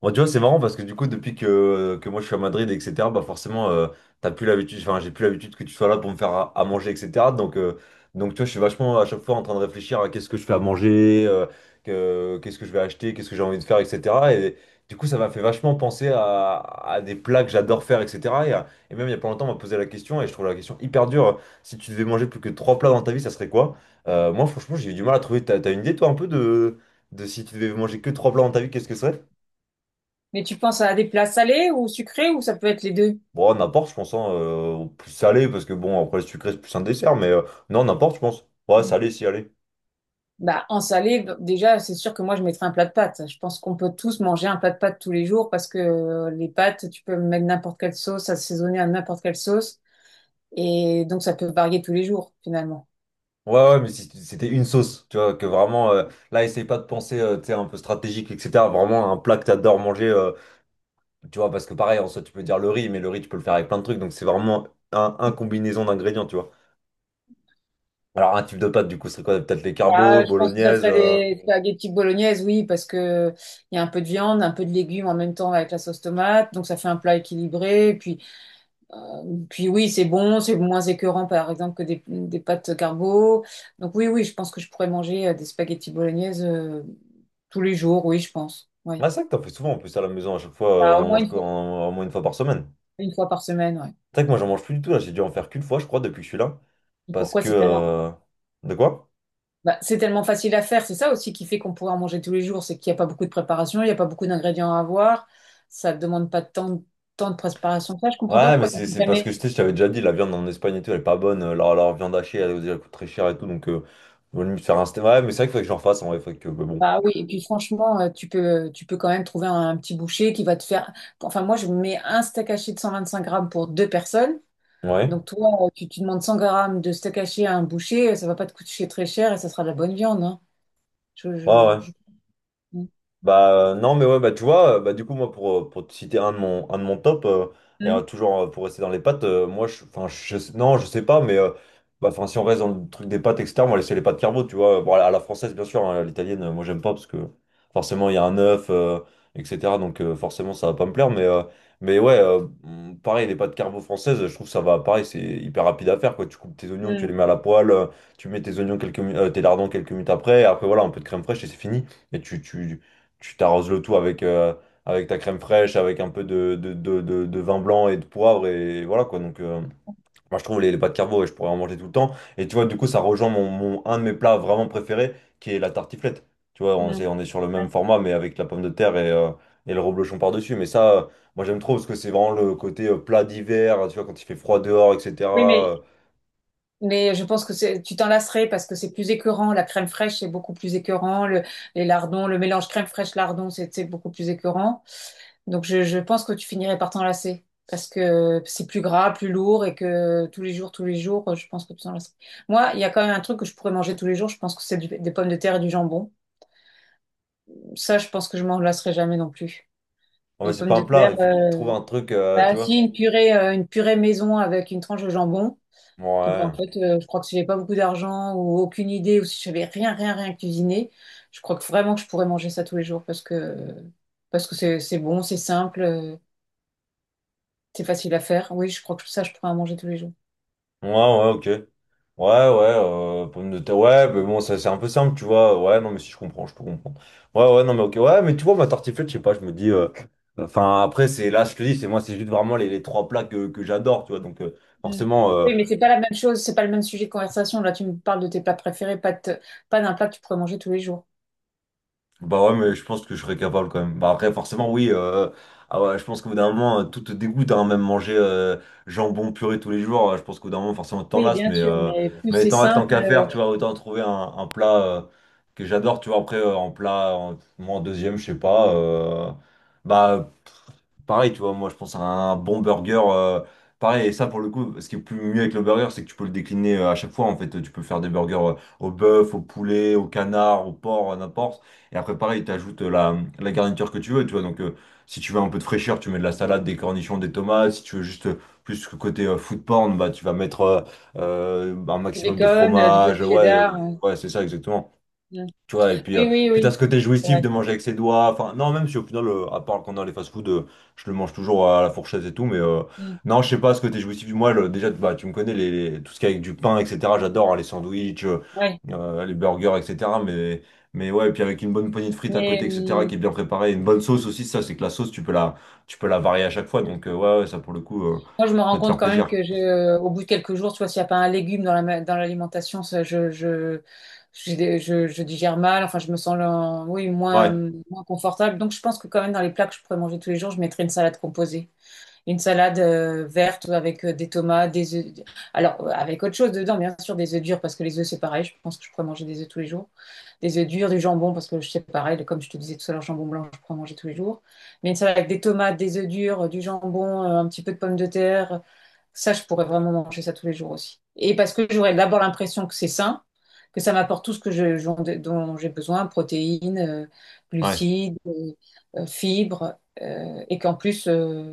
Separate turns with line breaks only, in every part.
Bon, tu vois, c'est marrant parce que du coup, depuis que moi je suis à Madrid, etc., bah forcément, t'as plus l'habitude, enfin, j'ai plus l'habitude que tu sois là pour me faire à manger, etc. Donc, euh, donc, tu vois, je suis vachement à chaque fois en train de réfléchir à qu'est-ce que je fais à manger, qu'est-ce que je vais acheter, qu'est-ce que j'ai envie de faire, etc. Et du coup, ça m'a fait vachement penser à des plats que j'adore faire, etc. Et même il y a pas longtemps, on m'a posé la question et je trouve la question hyper dure. Si tu devais manger plus que trois plats dans ta vie, ça serait quoi? Moi, franchement, j'ai eu du mal à trouver. T'as une idée, toi, un peu de si tu devais manger que trois plats dans ta vie, qu'est-ce que ce serait?
Mais tu penses à des plats salés ou sucrés ou ça peut être les deux?
Bon, n'importe, je pense, hein, plus salé, parce que bon, après le sucré, c'est plus un dessert, mais non, n'importe, je pense. Ouais, salé, si, allez.
En salé, déjà, c'est sûr que moi, je mettrais un plat de pâtes. Je pense qu'on peut tous manger un plat de pâtes tous les jours parce que les pâtes, tu peux mettre n'importe quelle sauce, assaisonner à n'importe quelle sauce. Et donc, ça peut varier tous les jours, finalement.
Ouais, ouais, mais si c'était une sauce, tu vois, que vraiment, là, essaye pas de penser, tu sais, un peu stratégique, etc. Vraiment, un plat que t'adores manger, tu vois, parce que pareil, en soi, tu peux dire le riz, mais le riz, tu peux le faire avec plein de trucs, donc c'est vraiment un combinaison d'ingrédients, tu vois. Alors, un type de pâte, du coup, c'est quoi? Peut-être les carbos,
Bah, je pense que ça
bolognaise.
serait des spaghettis bolognaises, oui, parce que il y a un peu de viande, un peu de légumes en même temps avec la sauce tomate. Donc, ça fait un plat équilibré. Euh, Puis oui, c'est bon, c'est moins écœurant par exemple que des pâtes carbo. Donc oui, je pense que je pourrais manger des spaghettis bolognaises, tous les jours, oui, je pense. Oui.
Ah, c'est vrai que t'en fais souvent, en plus, à la maison, à chaque fois, on
Bah, au
en
moins
mange quoi, au moins une fois par semaine.
une fois par semaine, ouais.
C'est vrai que moi, j'en mange plus du tout, là, j'ai dû en faire qu'une fois, je crois, depuis que je suis là.
Et
Parce
pourquoi
que.
c'est tellement,
De quoi?
bah, c'est tellement facile à faire, c'est ça aussi qui fait qu'on pourrait en manger tous les jours, c'est qu'il n'y a pas beaucoup de préparation, il n'y a pas beaucoup d'ingrédients à avoir, ça ne demande pas tant, tant de préparation. Que Ça, je comprends pas
Ouais, mais
pourquoi tu
c'est
n'as
parce que
jamais.
je sais, je t'avais déjà dit, la viande en Espagne et tout, elle est pas bonne. Leur viande hachée, elle coûte très cher et tout. Donc, vaut mieux faire un steak. Ouais, mais c'est vrai qu'il faudrait que j'en fasse en vrai. Faudrait que. Mais bon.
Bah oui, et puis franchement, tu peux quand même trouver un petit boucher qui va te faire. Enfin, moi, je mets un steak haché de 125 grammes pour deux personnes.
Ouais.
Donc, toi, tu demandes 100 grammes de steak haché à un boucher, ça va pas te coûter très cher et ça sera de la bonne viande, hein. Je,
Ouais, ouais.
je, je- Mm,
Bah non mais ouais, bah tu vois, bah du coup moi pour te citer un de mon top, et toujours, pour rester dans les pâtes, moi je, enfin, non, je sais pas, mais bah, enfin, si on reste dans le truc des pâtes, etc., moi c'est les pâtes carbo, tu vois, bon, à la française, bien sûr, hein. À l'italienne, moi j'aime pas parce que forcément il y a un œuf, etc., donc forcément ça va pas me plaire, mais ouais, pareil, les pâtes carbo françaises, je trouve que ça va. Pareil, c'est hyper rapide à faire, quoi. Tu coupes tes oignons, tu les
mm,
mets à la poêle, tu mets tes oignons quelques tes lardons quelques minutes après, et après voilà, un peu de crème fraîche et c'est fini. Et tu t'arroses le tout avec ta crème fraîche, avec un peu de vin blanc et de poivre, et voilà quoi. Donc, moi je trouve les pâtes carbo, et je pourrais en manger tout le temps. Et tu vois, du coup, ça rejoint un de mes plats vraiment préférés, qui est la tartiflette. Tu vois,
mm.
on est sur le même format, mais avec la pomme de terre et le reblochon par-dessus. Mais ça, moi j'aime trop, parce que c'est vraiment le côté plat d'hiver, tu vois, quand il fait froid dehors,
Oui,
etc.
mais
Euh,
Mais je pense que c'est- tu t'en lasserais parce que c'est plus écœurant. La crème fraîche, c'est beaucoup plus écœurant. Les lardons, le mélange crème fraîche lardon, c'est beaucoup plus écœurant. Donc je pense que tu finirais par t'en lasser parce que c'est plus gras, plus lourd et que tous les jours, je pense que tu t'en lasserais. Moi, il y a quand même un truc que je pourrais manger tous les jours. Je pense que des pommes de terre et du jambon. Ça, je pense que je m'en lasserai jamais non plus.
ouais,
Les
c'est
pommes
pas un
de
plat,
terre,
il faut trouver un truc, tu
bah, si
vois.
une purée, une purée maison avec une tranche de jambon. Et ben, en
Ouais.
fait, je crois que si j'avais pas beaucoup d'argent ou aucune idée ou si j'avais rien cuisiné, je crois que vraiment que je pourrais manger ça tous les jours parce que c'est bon, c'est simple, c'est facile à faire. Oui, je crois que ça, je pourrais en manger tous les jours.
Ouais, ouais, ok. Ouais, ouais, pommes de terre. Ouais, mais bon, ça, c'est un peu simple, tu vois. Ouais, non, mais si je comprends, je peux comprendre. Ouais, ouais, non, mais ok. Ouais, mais tu vois, ma tartiflette, je sais pas, je me dis. Enfin, après, c'est là, je te dis, c'est moi, c'est juste vraiment les trois plats que j'adore, tu vois. Donc,
Mm.
forcément,
Oui, mais c'est pas la même chose, c'est pas le même sujet de conversation. Là, tu me parles de tes plats préférés, pas de te- pas d'un plat que tu pourrais manger tous les jours.
bah ouais, mais je pense que je serais capable quand même. Bah après, forcément, oui. Ah ouais, je pense qu'au bout d'un moment, tout te dégoûte, hein, même manger jambon puré tous les jours. Je pense qu'au bout d'un moment, forcément, tu t'en
Oui,
lasses.
bien
Mais,
sûr,
euh,
mais plus
mais
c'est
tant
simple,
qu'à faire, tu vois, autant trouver un plat que j'adore. Tu vois, après, en plat, moi, en deuxième, je sais pas. Bah, pareil, tu vois, moi je pense à un bon burger. Pareil, et ça pour le coup, ce qui est plus mieux avec le burger, c'est que tu peux le décliner à chaque fois. En fait, tu peux faire des burgers au bœuf, au poulet, au canard, au porc, à n'importe. Et après, pareil, t'ajoutes la garniture que tu veux, tu vois. Donc, si tu veux un peu de fraîcheur, tu mets de la salade, des cornichons, des tomates. Si tu veux juste plus que côté food porn, bah, tu vas mettre un
du
maximum de
bacon, du peu
fromage.
de
Ouais,
cheddar.
ouais, c'est ça, exactement.
Mm.
Tu vois, et puis, euh,
Oui, oui,
puis t'as ce
oui.
côté
C'est
jouissif de
vrai.
manger avec ses doigts. Enfin, non, même si au final, à part quand dans les fast-food, je le mange toujours à la fourchette et tout, mais
Mm.
non, je sais pas, ce côté jouissif. Moi, déjà, bah, tu me connais, les, tout ce qui est avec du pain, etc. J'adore hein, les sandwichs,
Ouais.
les burgers, etc. Mais ouais, et puis avec une bonne poignée de frites à côté, etc., qui
Mais
est bien préparée, une bonne sauce aussi, ça, c'est que la sauce, tu peux la varier à chaque fois. Donc, ouais, ouais, ça, pour le coup,
moi, je me
peut
rends
te
compte
faire
quand même
plaisir.
que au bout de quelques jours, tu vois, s'il n'y a pas un légume dans dans l'alimentation, ça, je digère mal. Enfin, je me sens, là, oui,
Ouais,
moins confortable. Donc, je pense que quand même, dans les plats que je pourrais manger tous les jours, je mettrais une salade verte avec des tomates, des œufs. Alors, avec autre chose dedans, bien sûr, des œufs durs, parce que les œufs, c'est pareil. Je pense que je pourrais manger des œufs tous les jours. Des œufs durs, du jambon, parce que c'est pareil. Comme je te disais tout à l'heure, jambon blanc, je pourrais manger tous les jours. Mais une salade avec des tomates, des œufs durs, du jambon, un petit peu de pommes de terre. Ça, je pourrais vraiment manger ça tous les jours aussi. Et parce que j'aurais d'abord l'impression que c'est sain, que ça m'apporte tout ce que dont j'ai besoin, protéines,
ouais.
glucides, fibres, euh, et qu'en plus, euh,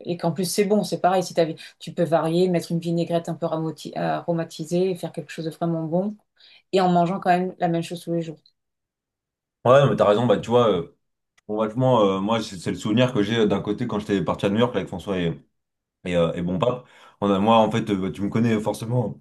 et qu'en plus, c'est bon, c'est pareil. Si t'as- tu peux varier, mettre une vinaigrette un peu aromatisée, faire quelque chose de vraiment bon, et en mangeant quand même la même chose tous les jours.
Ouais, non, mais t'as raison, bah, tu vois. Bon, vachement, moi, c'est le souvenir que j'ai d'un côté quand j'étais parti à New York là, avec François et Bon Pape. On a, moi, en fait, tu me connais forcément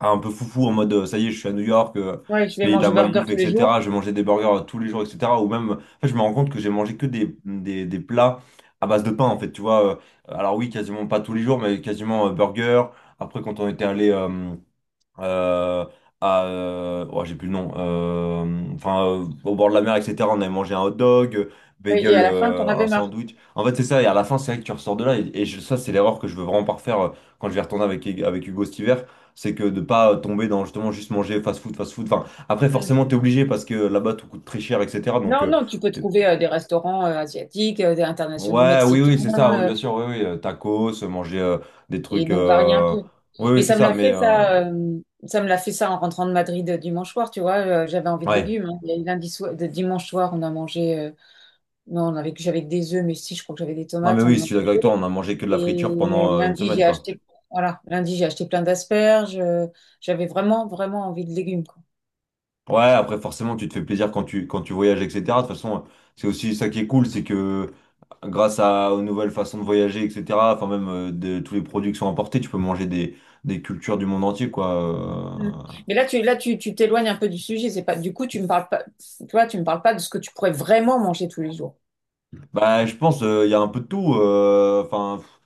hein, un peu foufou en mode ça y est, je suis à New York,
Oui, tu vais
pays de la
manger burger
malbouffe,
tous les jours.
etc. Je vais manger des burgers tous les jours, etc. Ou même, en fait, je me rends compte que j'ai mangé que des plats à base de pain, en fait, tu vois. Alors, oui, quasiment pas tous les jours, mais quasiment burger. Après, quand on était allé. Euh, à, oh, j'ai plus le nom, enfin, au bord de la mer, etc. On avait mangé un hot dog,
Oui, et
bagel,
à la fin, t'en
un
avais marre.
sandwich. En fait, c'est ça, et à la fin, c'est vrai que tu ressors de là, et ça, c'est l'erreur que je veux vraiment pas refaire quand je vais retourner avec Hugo cet hiver, c'est que de pas tomber dans justement juste manger fast food, fast food. Enfin, après,
Mm.
forcément, t'es obligé parce que là-bas, tout coûte très cher, etc. Donc,
Non, non, tu peux
t'es-
trouver des restaurants asiatiques, des internationaux
ouais, oui,
mexicains,
oui, c'est ça, oui,
euh,
bien sûr, oui, oui, tacos, manger des
et
trucs,
donc varier un peu.
oui, oui,
Mais
c'est ça, mais,
ça me l'a fait ça en rentrant de Madrid dimanche soir, tu vois, j'avais envie de
ouais.
légumes, hein. Et dimanche soir, on a mangé, non, on avait j'avais que des œufs, mais si, je crois que j'avais des
Non mais
tomates, on
oui, je
en a
suis d'accord avec toi, on
mangé.
a mangé que de la friture
Et
pendant une semaine quoi.
lundi, j'ai acheté plein d'asperges. J'avais vraiment envie de légumes, quoi.
Ouais, après forcément tu te fais plaisir quand tu voyages, etc. De toute façon, c'est aussi ça qui est cool, c'est que grâce aux nouvelles façons de voyager, etc. Enfin même de tous les produits qui sont importés, tu peux manger des cultures du monde entier
Mm.
quoi.
Mais là, tu t'éloignes un peu du sujet. C'est pas, du coup, tu me parles pas de ce que tu pourrais vraiment manger tous les jours.
Bah je pense, il y a un peu de tout. Enfin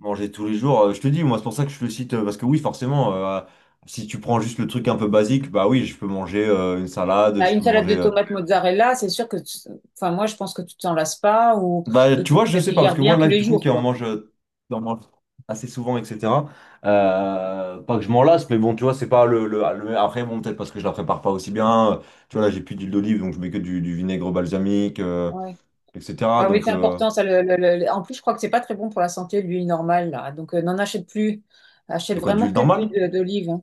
manger tous les jours, je te dis, moi c'est pour ça que je le cite, parce que oui, forcément, si tu prends juste le truc un peu basique, bah oui je peux manger une salade,
Là,
je
une
peux
salade
manger.
de tomates mozzarella, c'est sûr que, enfin, moi, je pense que tu t'en lasses pas ou,
Bah,
et
tu
que tu
vois, je
la
sais pas, parce
digères
que moi,
bien tous
là,
les
du coup, qui
jours,
en
quoi.
mange, euh, qui en mange assez souvent, etc. Pas que je m'en lasse, mais bon, tu vois, c'est pas après, bon, peut-être parce que je la prépare pas aussi bien. Tu vois, là, j'ai plus d'huile d'olive, donc je mets que du vinaigre balsamique,
Ouais.
etc.
Ah oui,
Donc,
c'est important, ça, en plus, je crois que c'est pas très bon pour la santé, l'huile normale, là. Donc, n'en achète plus. Achète
de quoi,
vraiment
d'huile
que de
normale?
l'huile d'olive, hein.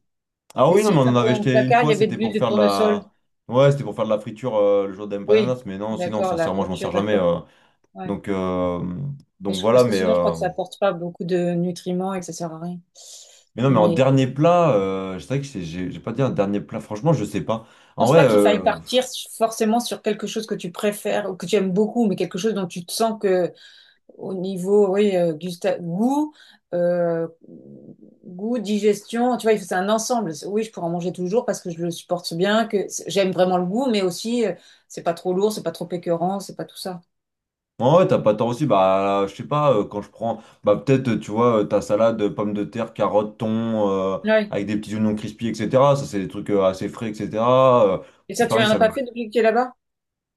Ah
Mais
oui, non, mais
si,
on
dans
en avait
ton
acheté une
placard, il y
fois,
avait de
c'était
l'huile
pour
de
faire de
tournesol.
la. Ouais, c'était pour faire de la friture le jour des
Oui,
empanadas, mais non, sinon,
d'accord, la
sincèrement, je m'en sers
friture,
jamais.
d'accord. Ouais.
Donc, euh,
Mais
donc
je- parce
voilà,
que sinon, je crois que ça apporte pas beaucoup de nutriments et que ça sert à rien.
mais non, mais en
Mais
dernier
je
plat, c'est vrai que j'ai pas dit un dernier plat, franchement, je sais pas. En
pense
vrai,
pas qu'il faille
euh,
partir forcément sur quelque chose que tu préfères ou que tu aimes beaucoup, mais quelque chose dont tu te sens que au niveau, oui, goût, euh, digestion, tu vois, c'est un ensemble. C'est- oui, je pourrais en manger toujours parce que je le supporte bien, j'aime vraiment le goût, mais aussi, c'est pas trop lourd, c'est pas trop écœurant, c'est pas tout ça.
en vrai, t'as pas tort aussi, bah, je sais pas, quand je prends, bah, peut-être, tu vois, ta salade, pommes de terre, carottes, thon,
Oui,
avec des petits oignons crispy, etc. Ça, c'est des trucs assez frais, etc. Euh,
et
puis
ça, tu
pareil,
n'en as
ça
pas
me...
fait depuis que tu es là-bas?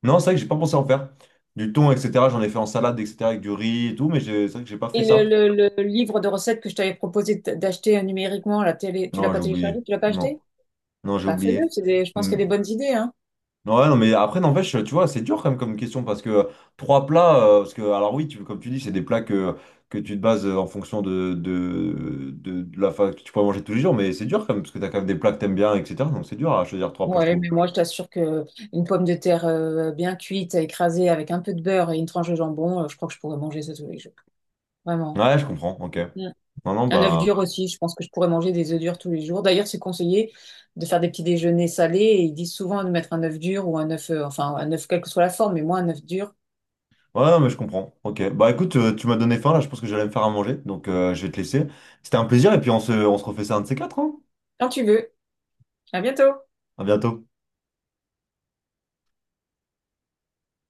Non, c'est vrai que j'ai pas pensé à en faire. Du thon, etc. J'en ai fait en salade, etc. avec du riz et tout, mais c'est vrai que j'ai pas fait
Et
ça.
le livre de recettes que je t'avais proposé d'acheter numériquement, la télé, tu l'as
Non, j'ai
pas téléchargé,
oublié.
tu l'as pas
Non,
acheté?
non, j'ai
Bah fais-le,
oublié.
c'est des, je pense qu'il y a des bonnes idées, hein.
Ouais, non, mais après, n'empêche, tu vois, c'est dur quand même comme question parce que trois plats, parce que, alors oui, comme tu dis, c'est des plats que tu te bases en fonction de la faim que tu pourrais manger tous les jours, mais c'est dur quand même parce que t'as quand même des plats que t'aimes bien, etc. Donc c'est dur à choisir trois plats, je
Ouais,
trouve.
mais moi je t'assure que une pomme de terre bien cuite, écrasée avec un peu de beurre et une tranche de jambon, je crois que je pourrais manger ça tous les jours. Vraiment.
Ouais, je comprends, ok.
Mm.
Non, non,
Un œuf
bah.
dur aussi, je pense que je pourrais manger des œufs durs tous les jours. D'ailleurs, c'est conseillé de faire des petits déjeuners salés et ils disent souvent de mettre un œuf dur ou un œuf, enfin un œuf quelle que soit la forme, mais moi un œuf dur
Ouais, non, mais je comprends, ok. Bah écoute, tu m'as donné faim là, je pense que j'allais me faire à manger, donc je vais te laisser. C'était un plaisir et puis on se refait ça un de ces quatre, hein.
quand tu veux. À bientôt.
À bientôt.